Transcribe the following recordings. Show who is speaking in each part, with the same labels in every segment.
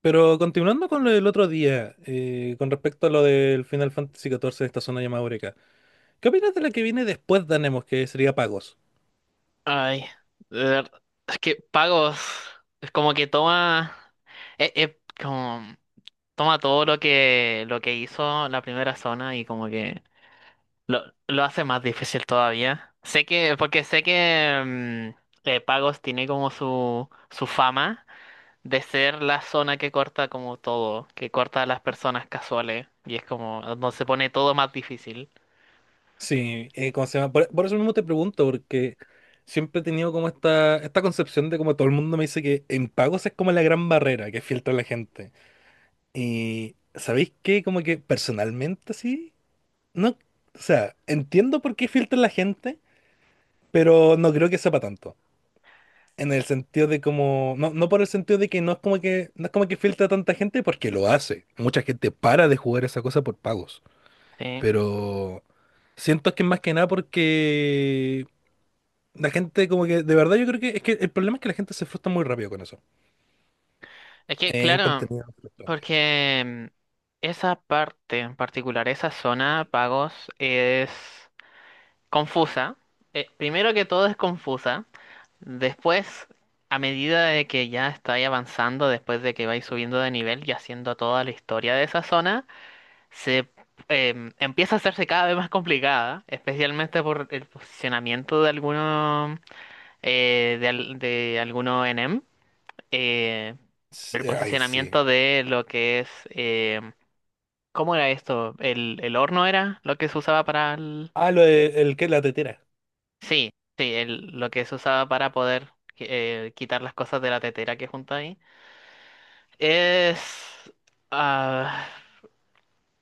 Speaker 1: Pero continuando con lo del otro día, con respecto a lo del Final Fantasy XIV de esta zona llamada Eureka, ¿qué opinas de la que viene después de Anemos, que sería Pagos?
Speaker 2: Ay, de ver- es que pagos es como que toma, como toma todo lo que hizo la primera zona y como que lo hace más difícil todavía. Sé que, porque sé que Pagos tiene como su fama de ser la zona que corta como todo, que corta a las personas casuales y es como donde se pone todo más difícil.
Speaker 1: Sí, ¿cómo se llama? Por eso mismo te pregunto, porque siempre he tenido como esta concepción de como todo el mundo me dice que en Pagos es como la gran barrera que filtra la gente. Y, ¿sabéis qué? Como que personalmente sí, no, o sea, entiendo por qué filtra la gente, pero no creo que sepa tanto. En el sentido de como, no, no por el sentido de que no es como que filtra tanta gente porque lo hace. Mucha gente para de jugar esa cosa por pagos.
Speaker 2: Sí.
Speaker 1: Pero siento que es más que nada porque la gente como que, de verdad yo creo que es que el problema es que la gente se frustra muy rápido con eso.
Speaker 2: Es que,
Speaker 1: En
Speaker 2: claro.
Speaker 1: contenido frustrante.
Speaker 2: Porque esa parte en particular, esa zona de pagos, es confusa. Primero que todo es confusa. Después, a medida de que ya estáis avanzando, después de que vais subiendo de nivel y haciendo toda la historia de esa zona, se empieza a hacerse cada vez más complicada, especialmente por el posicionamiento de algunos de, al- de algunos enem, eh, el
Speaker 1: Ay, sí.
Speaker 2: posicionamiento de lo que es ¿cómo era esto? El horno era lo que se usaba para el...
Speaker 1: El que la tetera.
Speaker 2: Sí, sí, lo que se usaba para poder quitar las cosas de la tetera que junta ahí. Es... ah,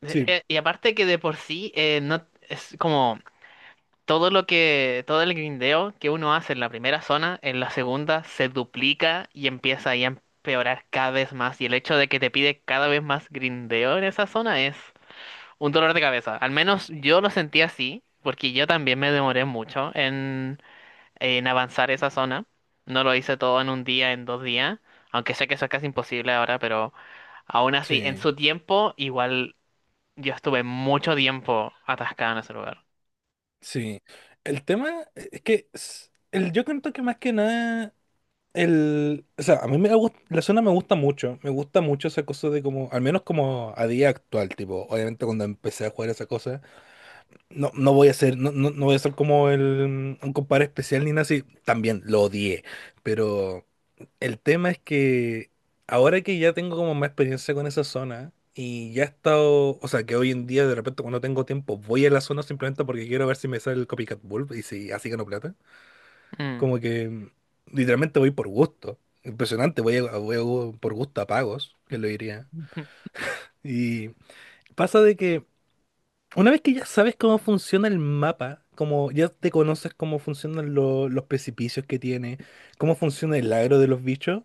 Speaker 1: Sí,
Speaker 2: y aparte que de por sí, no, es como todo lo que... Todo el grindeo que uno hace en la primera zona, en la segunda se duplica y empieza ahí a empeorar cada vez más. Y el hecho de que te pide cada vez más grindeo en esa zona es... Un dolor de cabeza. Al menos yo lo sentí así, porque yo también me demoré mucho en avanzar esa zona. No lo hice todo en un día, en dos días, aunque sé que eso es casi imposible ahora, pero aún así, en
Speaker 1: sí,
Speaker 2: su tiempo, igual yo estuve mucho tiempo atascado en ese lugar.
Speaker 1: sí. El tema es que s- el, yo creo que más que nada el, o sea, a mí me gusta, la zona me gusta mucho esa cosa de como, al menos como a día actual, tipo, obviamente cuando empecé a jugar esa cosa, no, no voy a ser, no, no, no voy a ser como un compadre especial ni nada así, también lo odié, pero el tema es que ahora que ya tengo como más experiencia con esa zona y ya he estado, o sea, que hoy en día de repente cuando tengo tiempo voy a la zona simplemente porque quiero ver si me sale el copycat bulb y si así gano plata.
Speaker 2: Mm.
Speaker 1: Como que literalmente voy por gusto. Impresionante, por gusto a pagos, que lo diría. Y pasa de que una vez que ya sabes cómo funciona el mapa, como ya te conoces cómo funcionan los precipicios que tiene, cómo funciona el agro de los bichos,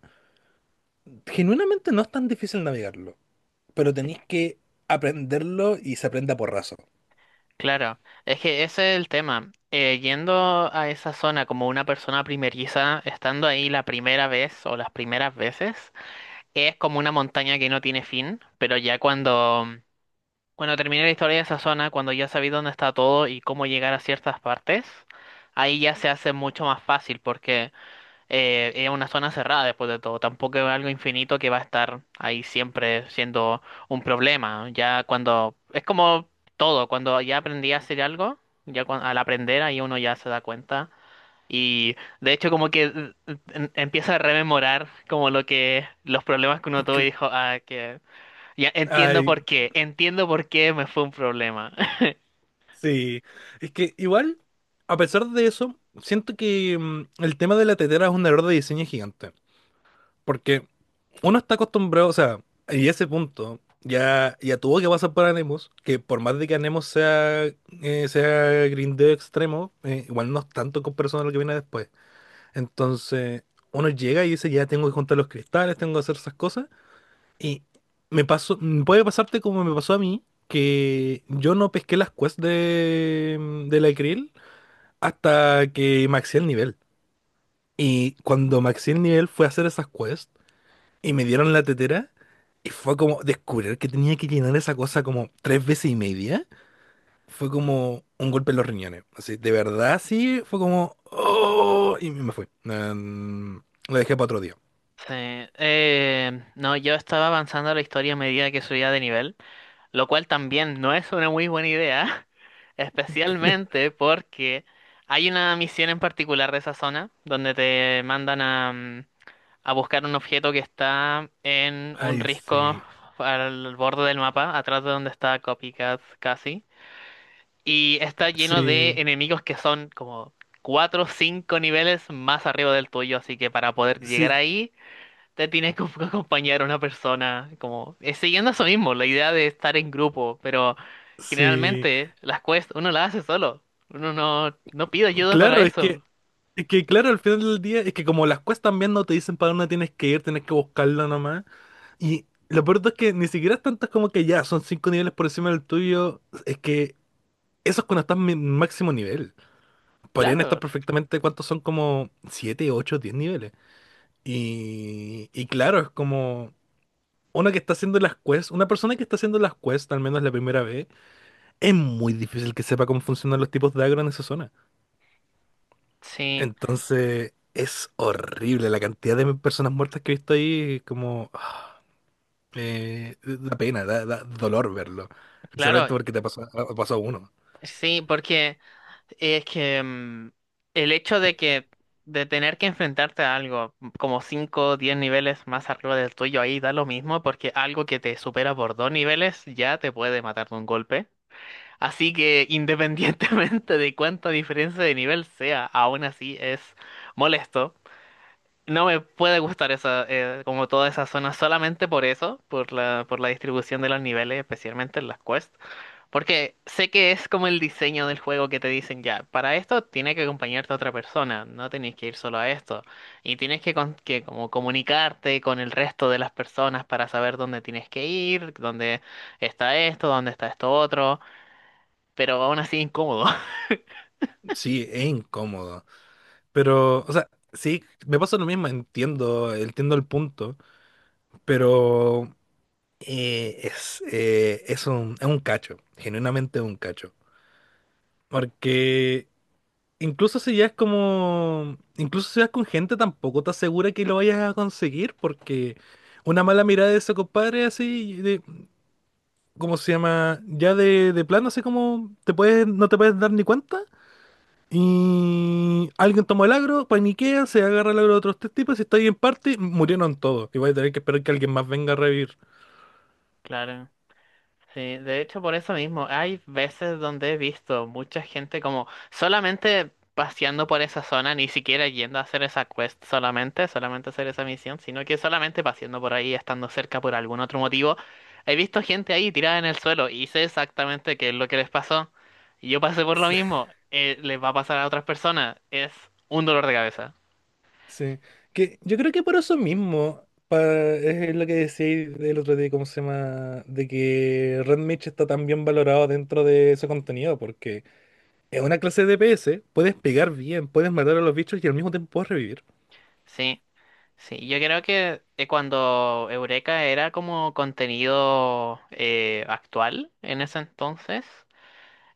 Speaker 1: genuinamente no es tan difícil navegarlo, pero tenéis que aprenderlo y se aprende a porrazo.
Speaker 2: Claro, es que ese es el tema. Yendo a esa zona como una persona primeriza, estando ahí la primera vez o las primeras veces, es como una montaña que no tiene fin, pero ya cuando, cuando terminé la historia de esa zona, cuando ya sabí dónde está todo y cómo llegar a ciertas partes, ahí ya se hace mucho más fácil porque es una zona cerrada después de todo, tampoco es algo infinito que va a estar ahí siempre siendo un problema. Ya cuando, es como todo, cuando ya aprendí a hacer algo, al aprender ahí uno ya se da cuenta y de hecho como que empieza a rememorar como lo que los problemas que uno tuvo y
Speaker 1: Cre-
Speaker 2: dijo, ah, que ya
Speaker 1: Ay,
Speaker 2: entiendo por qué me fue un problema.
Speaker 1: sí. Es que igual, a pesar de eso, siento que el tema de la tetera es un error de diseño gigante. Porque uno está acostumbrado, o sea, y ese punto ya, ya tuvo que pasar por Anemos, que por más de que Anemos sea, sea grindeo extremo, igual no es tanto con personas lo que viene después. Entonces, uno llega y dice, ya tengo que juntar los cristales, tengo que hacer esas cosas. Y me pasó, puede pasarte como me pasó a mí, que yo no pesqué las quests de la Krill hasta que maxé el nivel. Y cuando maxé el nivel fue a hacer esas quests y me dieron la tetera. Y fue como descubrir que tenía que llenar esa cosa como tres veces y media. Fue como un golpe en los riñones. Así, de verdad, sí, fue como... "Oh", y me fui. Lo dejé para otro día.
Speaker 2: Sí, no, yo estaba avanzando la historia a medida que subía de nivel, lo cual también no es una muy buena idea, especialmente porque hay una misión en particular de esa zona donde te mandan a... a buscar un objeto que está en un
Speaker 1: Ay,
Speaker 2: risco
Speaker 1: sí,
Speaker 2: al borde del mapa, atrás de donde está Copycat casi. Y está lleno de
Speaker 1: sí,
Speaker 2: enemigos que son como 4 o 5 niveles más arriba del tuyo, así que para poder llegar
Speaker 1: sí,
Speaker 2: ahí te tienes que acompañar a una persona, como siguiendo eso mismo, la idea de estar en grupo, pero
Speaker 1: sí.
Speaker 2: generalmente las quests uno las hace solo, uno no, no pide ayuda para
Speaker 1: Claro,
Speaker 2: eso.
Speaker 1: es que claro, al final del día, es que como las cuestas también no te dicen para dónde tienes que ir, tienes que buscarlo nomás. Y lo peor es que ni siquiera es tanto como que ya son cinco niveles por encima del tuyo, es que eso es cuando estás en mi máximo nivel. Podrían
Speaker 2: Claro,
Speaker 1: estar perfectamente cuántos son como 7 8 10 niveles. Y claro, es como una persona que está haciendo las quests, al menos la primera vez, es muy difícil que sepa cómo funcionan los tipos de agro en esa zona.
Speaker 2: sí,
Speaker 1: Entonces, es horrible la cantidad de personas muertas que he visto ahí, como da pena, da dolor verlo.
Speaker 2: claro,
Speaker 1: Especialmente porque te pasó, ha pasado uno.
Speaker 2: sí, porque... Es que el hecho de que de tener que enfrentarte a algo como 5, o 10 niveles más arriba del tuyo ahí da lo mismo porque algo que te supera por 2 niveles ya te puede matar de un golpe. Así que independientemente de cuánta diferencia de nivel sea, aún así es molesto. No me puede gustar esa como toda esa zona solamente por eso, por la distribución de los niveles, especialmente en las quests. Porque sé que es como el diseño del juego que te dicen ya, para esto tiene que acompañarte otra persona, no tenés que ir solo a esto. Y tienes que, como comunicarte con el resto de las personas para saber dónde tienes que ir, dónde está esto otro, pero aún así incómodo.
Speaker 1: Sí, es incómodo. Pero, o sea, sí, me pasa lo mismo, entiendo, entiendo el punto. Pero es un cacho, genuinamente un cacho. Porque incluso si ya es como, incluso si vas con gente, tampoco te asegura que lo vayas a conseguir, porque una mala mirada de ese compadre así, de, ¿cómo se llama? Ya de plano, así como te puedes, no te puedes dar ni cuenta. Y alguien tomó el agro, paniquea, se agarra el agro de otros tres tipos y está ahí en parte, murieron todos. Y voy a tener que esperar que alguien más venga a revivir.
Speaker 2: Claro. Sí, de hecho por eso mismo, hay veces donde he visto mucha gente como solamente paseando por esa zona, ni siquiera yendo a hacer esa quest solamente, solamente hacer esa misión, sino que solamente paseando por ahí, estando cerca por algún otro motivo, he visto gente ahí tirada en el suelo y sé exactamente qué es lo que les pasó. Y yo pasé por lo mismo, les va a pasar a otras personas, es un dolor de cabeza.
Speaker 1: Sí, que yo creo que por eso mismo, es lo que decíais del otro día, ¿cómo se llama? De que Red Mitch está tan bien valorado dentro de ese contenido, porque es una clase de DPS, puedes pegar bien, puedes matar a los bichos y al mismo tiempo puedes revivir.
Speaker 2: Sí, sí, yo creo que cuando Eureka era como contenido actual en ese entonces,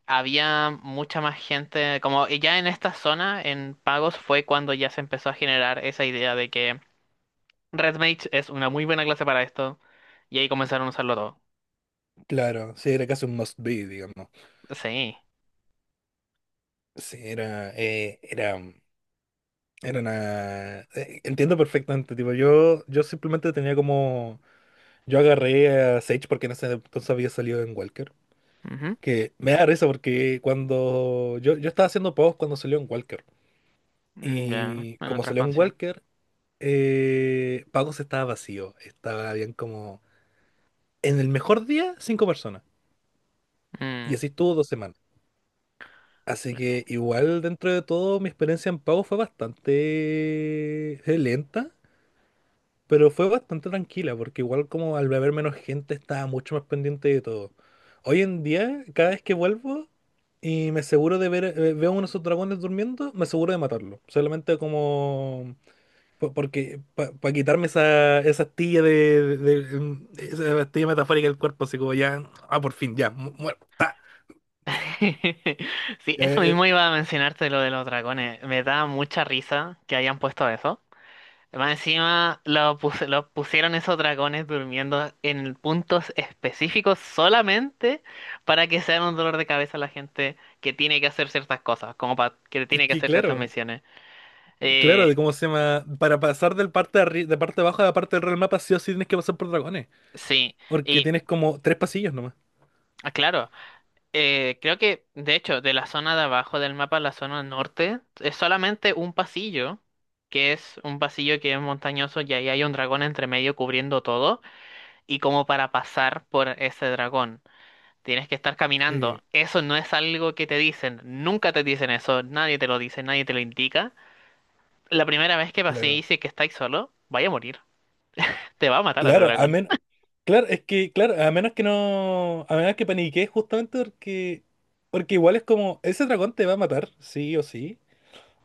Speaker 2: había mucha más gente, como y ya en esta zona, en pagos, fue cuando ya se empezó a generar esa idea de que RedMage es una muy buena clase para esto, y ahí comenzaron a usarlo todo.
Speaker 1: Claro, sí, era casi un must be, digamos.
Speaker 2: Sí.
Speaker 1: Sí, era una... entiendo perfectamente, tipo, yo simplemente tenía como... Yo agarré a Sage porque en ese entonces había salido en Walker.
Speaker 2: Ujú.
Speaker 1: Que me da risa porque cuando yo estaba haciendo pagos cuando salió en Walker.
Speaker 2: Mm, ya,
Speaker 1: Y
Speaker 2: en
Speaker 1: como
Speaker 2: otra
Speaker 1: salió en
Speaker 2: expansión.
Speaker 1: Walker, pagos estaba vacío. Estaba bien como... En el mejor día, cinco personas. Y
Speaker 2: Mm,
Speaker 1: así estuvo dos semanas. Así
Speaker 2: claro.
Speaker 1: que igual dentro de todo mi experiencia en pagos fue bastante lenta. Pero fue bastante tranquila, porque igual como al beber menos gente estaba mucho más pendiente de todo. Hoy en día, cada vez que vuelvo y me aseguro de ver, veo uno de esos dragones durmiendo, me aseguro de matarlo. Solamente como... Porque para quitarme esa astilla de esa astilla metafórica del cuerpo, así como ya... Ah, por fin, ya, muerto. Ta.
Speaker 2: Sí,
Speaker 1: Eh,
Speaker 2: eso
Speaker 1: eh,
Speaker 2: mismo iba a mencionarte lo de los dragones. Me da mucha risa que hayan puesto eso. Más encima lo pusieron esos dragones durmiendo en puntos específicos solamente para que sean un dolor de cabeza a la gente que tiene que hacer ciertas cosas, como para que
Speaker 1: es
Speaker 2: tiene que
Speaker 1: que
Speaker 2: hacer ciertas
Speaker 1: claro,
Speaker 2: misiones. Eh,
Speaker 1: claro, de cómo se llama... Para pasar del parte de, de parte de abajo a la parte del real mapa, sí o sí tienes que pasar por dragones.
Speaker 2: sí,
Speaker 1: Porque
Speaker 2: y
Speaker 1: tienes como tres pasillos nomás.
Speaker 2: ah, claro, creo que de hecho de la zona de abajo del mapa, a la zona norte, es solamente un pasillo, que es un pasillo que es montañoso y ahí hay un dragón entre medio cubriendo todo y como para pasar por ese dragón. Tienes que estar caminando.
Speaker 1: Sí,
Speaker 2: Eso no es algo que te dicen. Nunca te dicen eso. Nadie te lo dice, nadie te lo indica. La primera vez que pasé
Speaker 1: claro.
Speaker 2: y si es que estáis solo, vaya a morir. Te va a matar a tu
Speaker 1: Claro, a
Speaker 2: dragón.
Speaker 1: menos, claro, es que, claro, a menos que no, a menos que paniquees justamente porque, porque igual es como, ese dragón te va a matar, sí o sí,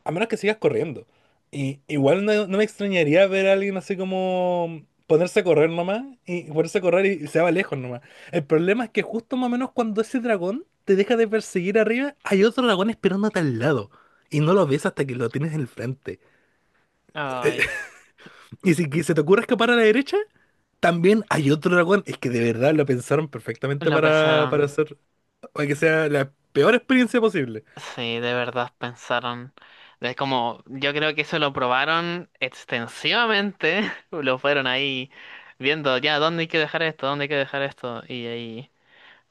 Speaker 1: a menos que sigas corriendo. Y igual no, no me extrañaría ver a alguien así como ponerse a correr nomás, y ponerse a correr y se va lejos nomás. El problema es que justo más o menos cuando ese dragón te deja de perseguir arriba, hay otro dragón esperándote al lado. Y no lo ves hasta que lo tienes en el frente.
Speaker 2: Ay,
Speaker 1: Y si que se te ocurre escapar a la derecha, también hay otro dragón, es que de verdad lo pensaron perfectamente
Speaker 2: lo
Speaker 1: para
Speaker 2: pensaron.
Speaker 1: hacer, para que sea la peor experiencia posible.
Speaker 2: Sí, de verdad pensaron. Es como, yo creo que eso lo probaron extensivamente. Lo fueron ahí viendo, ya, ¿dónde hay que dejar esto? ¿Dónde hay que dejar esto? Y ahí,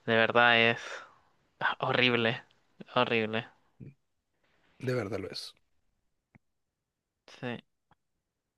Speaker 2: de verdad es horrible. Horrible.
Speaker 1: De verdad lo es.
Speaker 2: Sí.